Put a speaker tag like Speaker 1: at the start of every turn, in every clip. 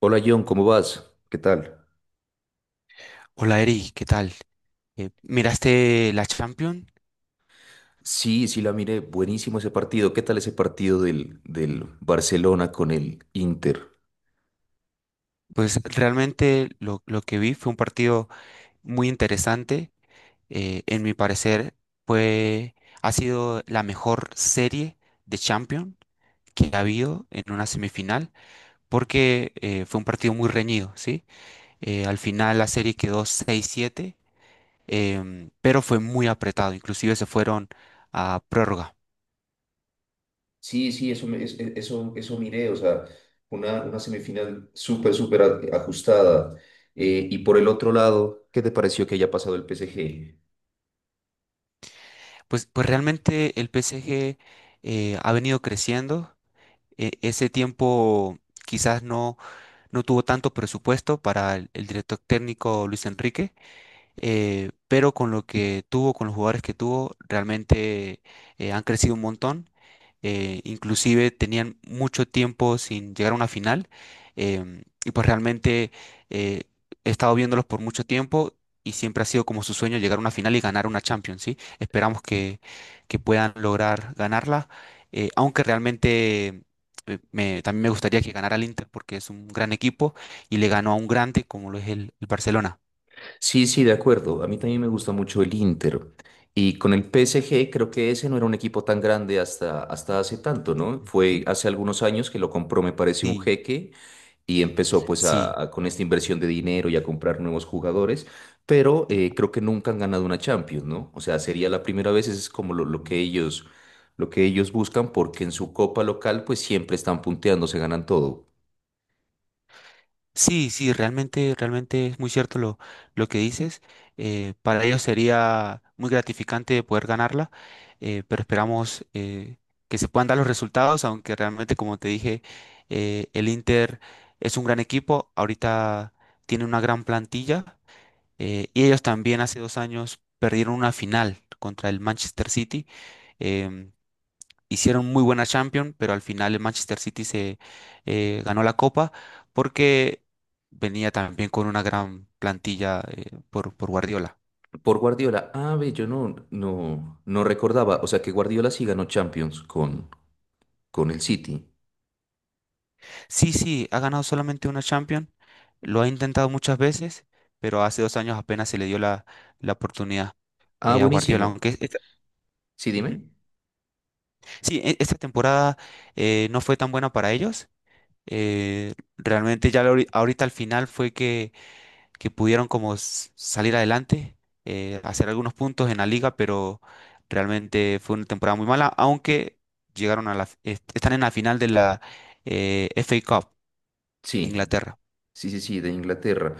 Speaker 1: Hola John, ¿cómo vas? ¿Qué tal?
Speaker 2: Hola Eri, ¿qué tal? ¿Miraste la Champions?
Speaker 1: Sí, sí la miré, buenísimo ese partido. ¿Qué tal ese partido del Barcelona con el Inter?
Speaker 2: Pues realmente lo que vi fue un partido muy interesante. En mi parecer, fue, ha sido la mejor serie de Champions que ha habido en una semifinal, porque fue un partido muy reñido, ¿sí? Al final la serie quedó seis siete, pero fue muy apretado, inclusive se fueron a prórroga.
Speaker 1: Sí, sí, eso, eso miré, o sea, una semifinal súper ajustada. Y por el otro lado, ¿qué te pareció que haya pasado el PSG?
Speaker 2: Pues realmente el PSG ha venido creciendo ese tiempo quizás no, no tuvo tanto presupuesto para el director técnico Luis Enrique, pero con lo que tuvo, con los jugadores que tuvo, realmente han crecido un montón. Inclusive tenían mucho tiempo sin llegar a una final, y pues realmente eh, he estado viéndolos por mucho tiempo y siempre ha sido como su sueño llegar a una final y ganar una Champions, ¿sí? Esperamos que puedan lograr ganarla, aunque realmente, también me gustaría que ganara el Inter porque es un gran equipo y le ganó a un grande como lo es el Barcelona.
Speaker 1: Sí, sí, de acuerdo. A mí también me gusta mucho el Inter. Y con el PSG creo que ese no era un equipo tan grande hasta hace tanto, ¿no?
Speaker 2: ¿Mm?
Speaker 1: Fue hace algunos años que lo compró, me parece, un
Speaker 2: Sí.
Speaker 1: jeque. Y empezó pues
Speaker 2: Sí,
Speaker 1: con esta inversión de dinero y a comprar nuevos jugadores, pero creo que nunca han ganado una Champions, ¿no? O sea, sería la primera vez, eso es como lo que ellos buscan, porque en su copa local pues siempre están punteando, se ganan todo.
Speaker 2: sí, sí, realmente, realmente es muy cierto lo que dices. Para ellos sería muy gratificante poder ganarla, pero esperamos que se puedan dar los resultados, aunque realmente, como te dije, el Inter es un gran equipo, ahorita tiene una gran plantilla, y ellos también hace dos años perdieron una final contra el Manchester City. em, Hicieron muy buena Champions, pero al final el Manchester City se ganó la copa porque venía también con una gran plantilla por Guardiola.
Speaker 1: Por Guardiola, ah, ve, yo no recordaba, o sea que Guardiola sí ganó Champions con el City.
Speaker 2: Sí, sí, ha ganado solamente una Champions, lo ha intentado muchas veces, pero hace dos años apenas se le dio la, la oportunidad
Speaker 1: Ah,
Speaker 2: a Guardiola,
Speaker 1: buenísimo.
Speaker 2: aunque esta,
Speaker 1: Sí,
Speaker 2: Ujú.
Speaker 1: dime.
Speaker 2: Sí, esta temporada no fue tan buena para ellos. Realmente ya ahorita al final fue que pudieron como salir adelante, hacer algunos puntos en la liga, pero realmente fue una temporada muy mala, aunque llegaron a la, están en la final de la FA Cup de
Speaker 1: Sí,
Speaker 2: Inglaterra.
Speaker 1: sí, de Inglaterra.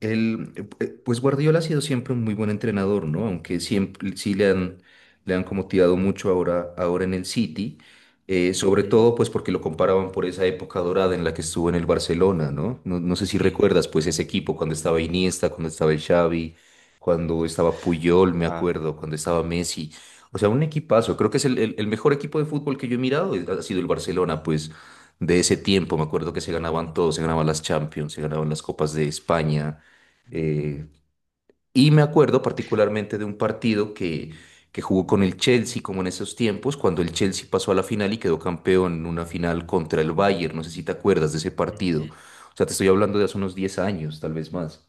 Speaker 1: Él, pues Guardiola ha sido siempre un muy buen entrenador, ¿no? Aunque siempre le han como tirado mucho ahora en el City, sobre
Speaker 2: Ujú.
Speaker 1: todo pues porque lo comparaban por esa época dorada en la que estuvo en el Barcelona, ¿no? No sé si
Speaker 2: Sí.
Speaker 1: recuerdas pues ese equipo cuando estaba Iniesta, cuando estaba el Xavi, cuando estaba Puyol, me
Speaker 2: Ah.
Speaker 1: acuerdo, cuando estaba Messi. O sea, un equipazo. Creo que es el mejor equipo de fútbol que yo he mirado, ha sido el Barcelona, pues de ese tiempo. Me acuerdo que se ganaban todo, se ganaban las Champions, se ganaban las Copas de España. Eh, y me acuerdo particularmente de un partido que jugó con el Chelsea, como en esos tiempos, cuando el Chelsea pasó a la final y quedó campeón en una final contra el Bayern. No sé si te acuerdas de ese partido.
Speaker 2: Ujú.
Speaker 1: O sea, te estoy hablando de hace unos diez años, tal vez más.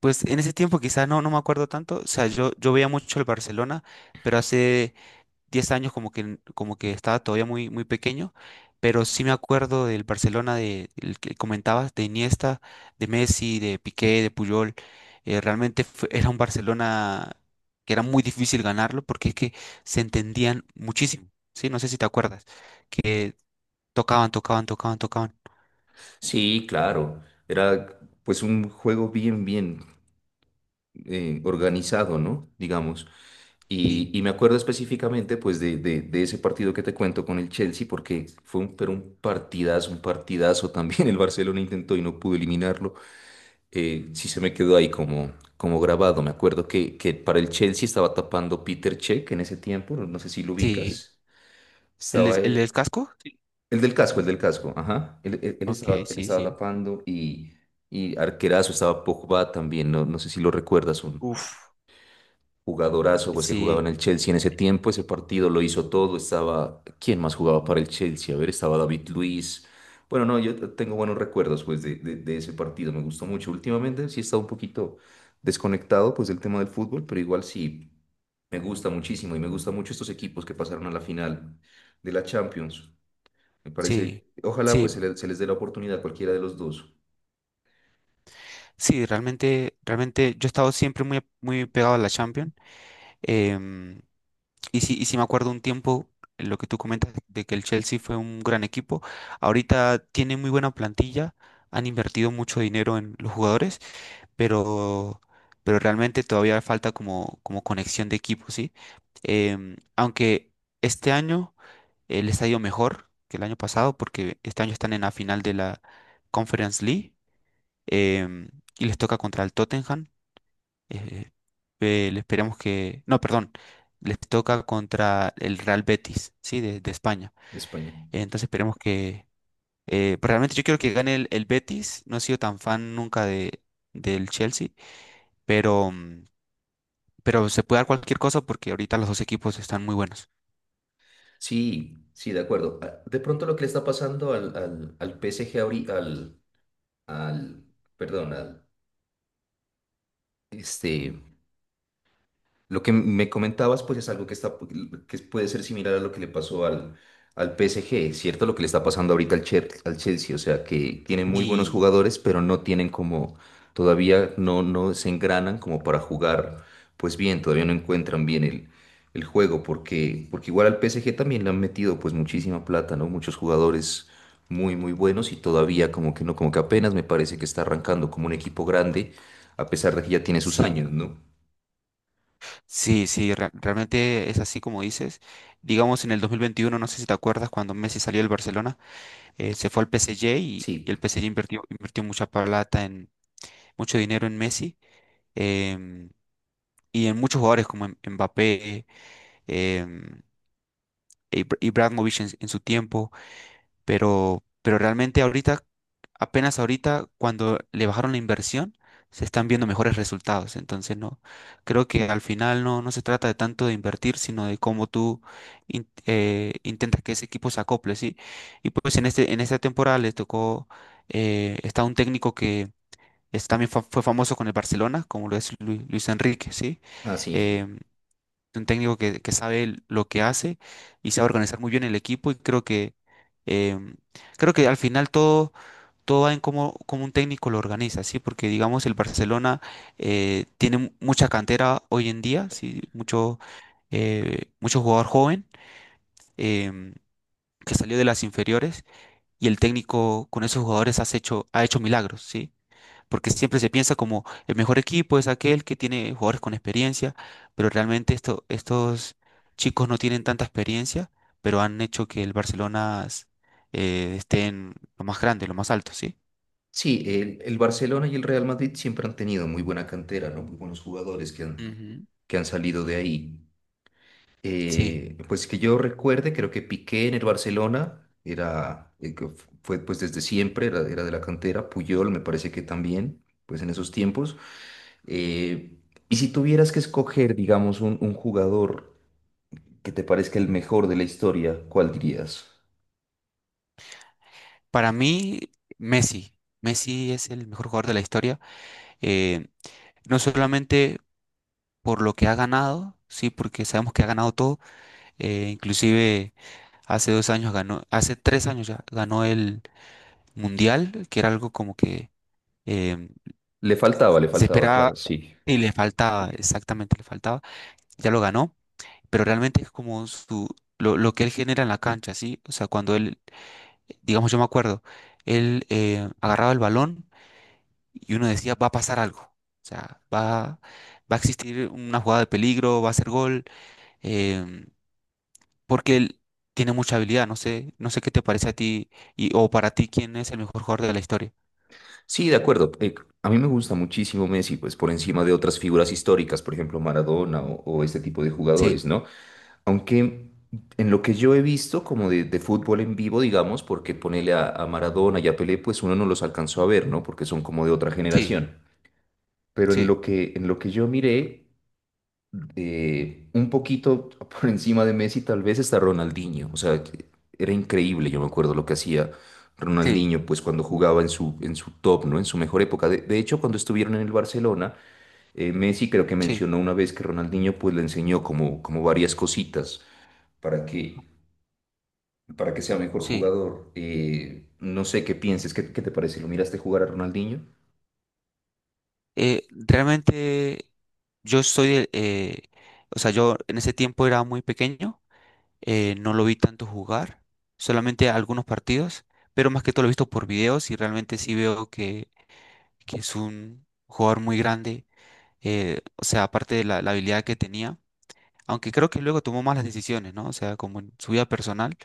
Speaker 2: Pues en ese tiempo quizás no, no me acuerdo tanto, o sea, yo veía mucho el Barcelona, pero hace 10 años como que estaba todavía muy, muy pequeño, pero sí me acuerdo del Barcelona de, el que comentabas, de Iniesta, de Messi, de Piqué, de Puyol. Realmente era un Barcelona que era muy difícil ganarlo porque es que se entendían muchísimo, ¿sí? No sé si te acuerdas, que tocaban, tocaban, tocaban, tocaban.
Speaker 1: Sí, claro. Era pues un juego bien organizado, ¿no? Digamos.
Speaker 2: Sí,
Speaker 1: Y me acuerdo específicamente pues de ese partido que te cuento con el Chelsea porque fue un, pero un partidazo también. El Barcelona intentó y no pudo eliminarlo. Sí se me quedó ahí como, como grabado. Me acuerdo que para el Chelsea estaba tapando Peter Cech en ese tiempo, no sé si lo
Speaker 2: sí.
Speaker 1: ubicas.
Speaker 2: ¿El,
Speaker 1: Estaba
Speaker 2: el del casco? Sí.
Speaker 1: el del casco, ajá.
Speaker 2: Ok,
Speaker 1: Él
Speaker 2: sí,
Speaker 1: estaba
Speaker 2: sí.
Speaker 1: tapando y arquerazo estaba Pogba también, no sé si lo recuerdas. Un,
Speaker 2: Uf.
Speaker 1: jugadorazo, pues que jugaba
Speaker 2: Sí,
Speaker 1: en el Chelsea en ese tiempo, ese partido lo hizo todo, estaba, ¿quién más jugaba para el Chelsea? A ver, estaba David Luiz. Bueno, no, tengo buenos recuerdos pues de ese partido, me gustó mucho. Últimamente sí he estado un poquito desconectado pues del tema del fútbol, pero igual sí, me gusta muchísimo y me gustan mucho estos equipos que pasaron a la final de la Champions. Me
Speaker 2: sí.
Speaker 1: parece, ojalá
Speaker 2: Sí,
Speaker 1: pues se les dé la oportunidad a cualquiera de los dos
Speaker 2: sí, realmente, realmente yo he estado siempre muy, muy pegado a la Champions. em, y sí, y sí me acuerdo un tiempo lo que tú comentas de que el Chelsea fue un gran equipo. Ahorita tiene muy buena plantilla, han invertido mucho dinero en los jugadores, pero, pero realmente todavía falta como, como conexión de equipo, ¿sí? Em, aunque este año les ha ido mejor que el año pasado, porque este año están en la final de la Conference League. em, y les toca contra el Tottenham eh, le esperamos que. No, perdón. Les toca contra el Real Betis, sí, de España.
Speaker 1: de España.
Speaker 2: Entonces esperemos que. Pues realmente yo quiero que gane el Betis. No he sido tan fan nunca de, del Chelsea, pero, pero se puede dar cualquier cosa porque ahorita los dos equipos están muy buenos.
Speaker 1: Sí, sí, de acuerdo. Ah, de pronto lo que le está pasando al PSG ahorita, al, perdón, este, lo que me comentabas, pues es algo que está, que puede ser similar a lo que le pasó al PSG, ¿cierto? Lo que le está pasando ahorita al Chelsea, o sea, que tienen muy buenos
Speaker 2: Y
Speaker 1: jugadores, pero no tienen como, todavía no se engranan como para jugar, pues bien, todavía no encuentran bien el juego, porque igual al PSG también le han metido pues muchísima plata, ¿no? Muchos jugadores muy buenos y todavía como que no, como que apenas me parece que está arrancando como un equipo grande, a pesar de que ya tiene sus años,
Speaker 2: sí,
Speaker 1: ¿no?
Speaker 2: sí, sí, realmente es así como dices. Digamos en el 2021 no sé si te acuerdas, cuando Messi salió del Barcelona, se fue al PSG y
Speaker 1: Sí.
Speaker 2: el PSG invirtió, invirtió mucha plata en mucho dinero en Messi, em, y en muchos jugadores como Mbappé, em, e Ibrahimovic en su tiempo, pero realmente ahorita, apenas ahorita, cuando le bajaron la inversión, se están viendo mejores resultados. Entonces, no, creo que al final no, no se trata de tanto de invertir, sino de cómo tú intentas que ese equipo se acople, ¿sí? Y pues en este, en esta temporada les tocó, está un técnico también fue famoso con el Barcelona, como lo es Luis Enrique, ¿sí?
Speaker 1: Ah, sí.
Speaker 2: Em, un técnico que sabe lo que hace y sabe organizar muy bien el equipo y creo que, em, creo que al final todo, todo va en cómo, cómo un técnico lo organiza, ¿sí? Porque digamos el Barcelona tiene mucha cantera hoy en día, ¿sí? Mucho, mucho jugador joven, em, que salió de las inferiores y el técnico con esos jugadores has hecho, ha hecho milagros, ¿sí? Porque siempre se piensa como el mejor equipo es aquel que tiene jugadores con experiencia, pero realmente esto, estos chicos no tienen tanta experiencia, pero han hecho que el Barcelona esté en lo más grande, lo más alto, ¿sí?
Speaker 1: Sí, el Barcelona y el Real Madrid siempre han tenido muy buena cantera, ¿no? Muy buenos jugadores
Speaker 2: Ujú,
Speaker 1: que han salido de ahí.
Speaker 2: sí,
Speaker 1: Pues que yo recuerde, creo que Piqué en el Barcelona fue pues desde siempre, era de la cantera. Puyol me parece que también, pues en esos tiempos. Eh, y si tuvieras que escoger, digamos, un jugador que te parezca el mejor de la historia, ¿cuál dirías?
Speaker 2: para mí Messi, Messi es el mejor jugador de la historia, eh, no solamente por lo que ha ganado, sí, porque sabemos que ha ganado todo, inclusive hace dos años ganó, hace tres años ya ganó mundial, que era algo como que, em,
Speaker 1: Le
Speaker 2: se
Speaker 1: faltaba,
Speaker 2: esperaba
Speaker 1: claro, sí.
Speaker 2: y le faltaba, exactamente le faltaba, ya lo ganó, pero realmente es como su, lo que él genera en la cancha, ¿sí? O sea, cuando él, digamos, yo me acuerdo, él agarraba el balón y uno decía, va a pasar algo, o sea, va, va a existir una jugada de peligro, va a ser gol, em, porque él tiene mucha habilidad, no sé, no sé qué te parece a ti y, o para ti quién es el mejor jugador de la historia.
Speaker 1: Sí, de acuerdo. A mí me gusta muchísimo Messi, pues por encima de otras figuras históricas, por ejemplo Maradona o este tipo de
Speaker 2: Sí,
Speaker 1: jugadores, ¿no? Aunque en lo que yo he visto como de fútbol en vivo, digamos, porque ponele a Maradona y a Pelé, pues uno no los alcanzó a ver, ¿no? Porque son como de otra
Speaker 2: sí,
Speaker 1: generación. Pero
Speaker 2: sí,
Speaker 1: en lo que yo miré, un poquito por encima de Messi tal vez está Ronaldinho. O sea, que era increíble, yo me acuerdo lo que hacía
Speaker 2: sí,
Speaker 1: Ronaldinho, pues cuando jugaba en su top, ¿no? En su mejor época. De hecho, cuando estuvieron en el Barcelona, Messi creo que
Speaker 2: sí.
Speaker 1: mencionó una vez que Ronaldinho pues le enseñó como, como varias cositas para que, para que sea mejor
Speaker 2: Sí,
Speaker 1: jugador. No sé qué pienses, ¿qué, qué te parece? ¿Lo miraste jugar a Ronaldinho?
Speaker 2: realmente yo soy, o sea, yo en ese tiempo era muy pequeño, no lo vi tanto jugar, solamente algunos partidos, pero más que todo lo he visto por videos y realmente sí veo que es un jugador muy grande, o sea, aparte de la, la habilidad que tenía, aunque creo que luego tomó malas decisiones, ¿no? O sea, como en su vida personal,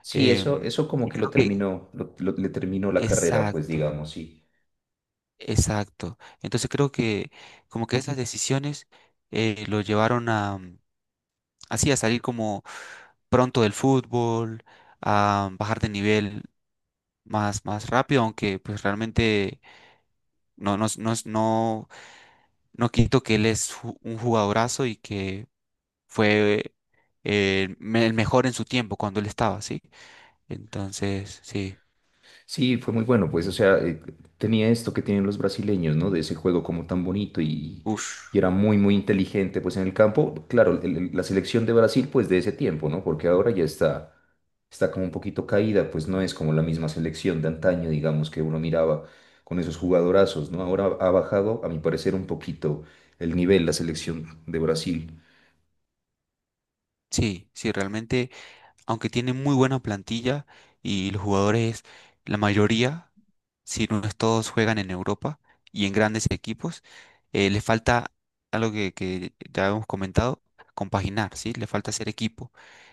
Speaker 1: Sí, eso,
Speaker 2: em,
Speaker 1: eso como
Speaker 2: y
Speaker 1: que lo
Speaker 2: creo que...
Speaker 1: terminó, le terminó la carrera, pues
Speaker 2: Exacto.
Speaker 1: digamos, sí.
Speaker 2: Exacto. Entonces creo que como que esas decisiones lo llevaron a así a salir como pronto del fútbol, a bajar de nivel más, más rápido, aunque pues realmente no, no, no, no, no quito que él es un jugadorazo y que fue el mejor en su tiempo cuando él estaba, ¿sí? Entonces, sí.
Speaker 1: Sí, fue muy bueno, pues, o sea, tenía esto que tienen los brasileños, ¿no? De ese juego como tan bonito
Speaker 2: Ush.
Speaker 1: y era muy inteligente, pues, en el campo. Claro, la selección de Brasil, pues, de ese tiempo, ¿no? Porque ahora ya está, está como un poquito caída, pues, no es como la misma selección de antaño, digamos, que uno miraba con esos jugadorazos, ¿no? Ahora ha bajado, a mi parecer, un poquito el nivel, la selección de Brasil.
Speaker 2: Sí, sí, realmente. Aunque tiene muy buena plantilla y los jugadores, la mayoría, si no es todos, juegan en Europa y en grandes equipos, le falta algo que ya hemos comentado, compaginar, ¿sí? Le falta ser equipo,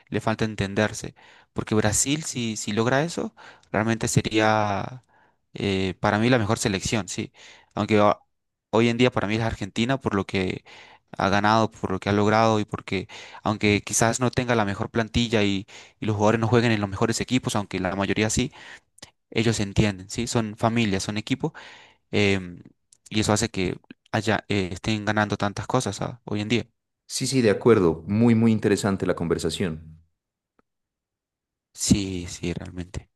Speaker 2: le falta entenderse, porque Brasil, si, si logra eso, realmente sería para mí la mejor selección, ¿sí? Aunque hoy en día para mí es Argentina, por lo que ha ganado, por lo que ha logrado y porque aunque quizás no tenga la mejor plantilla y los jugadores no jueguen en los mejores equipos, aunque la mayoría sí, ellos se entienden, ¿sí? Son familias, son equipo, em, y eso hace que haya, estén ganando tantas cosas, ah, hoy en día.
Speaker 1: Sí, sí, de acuerdo, muy interesante la conversación.
Speaker 2: Sí, sí, realmente.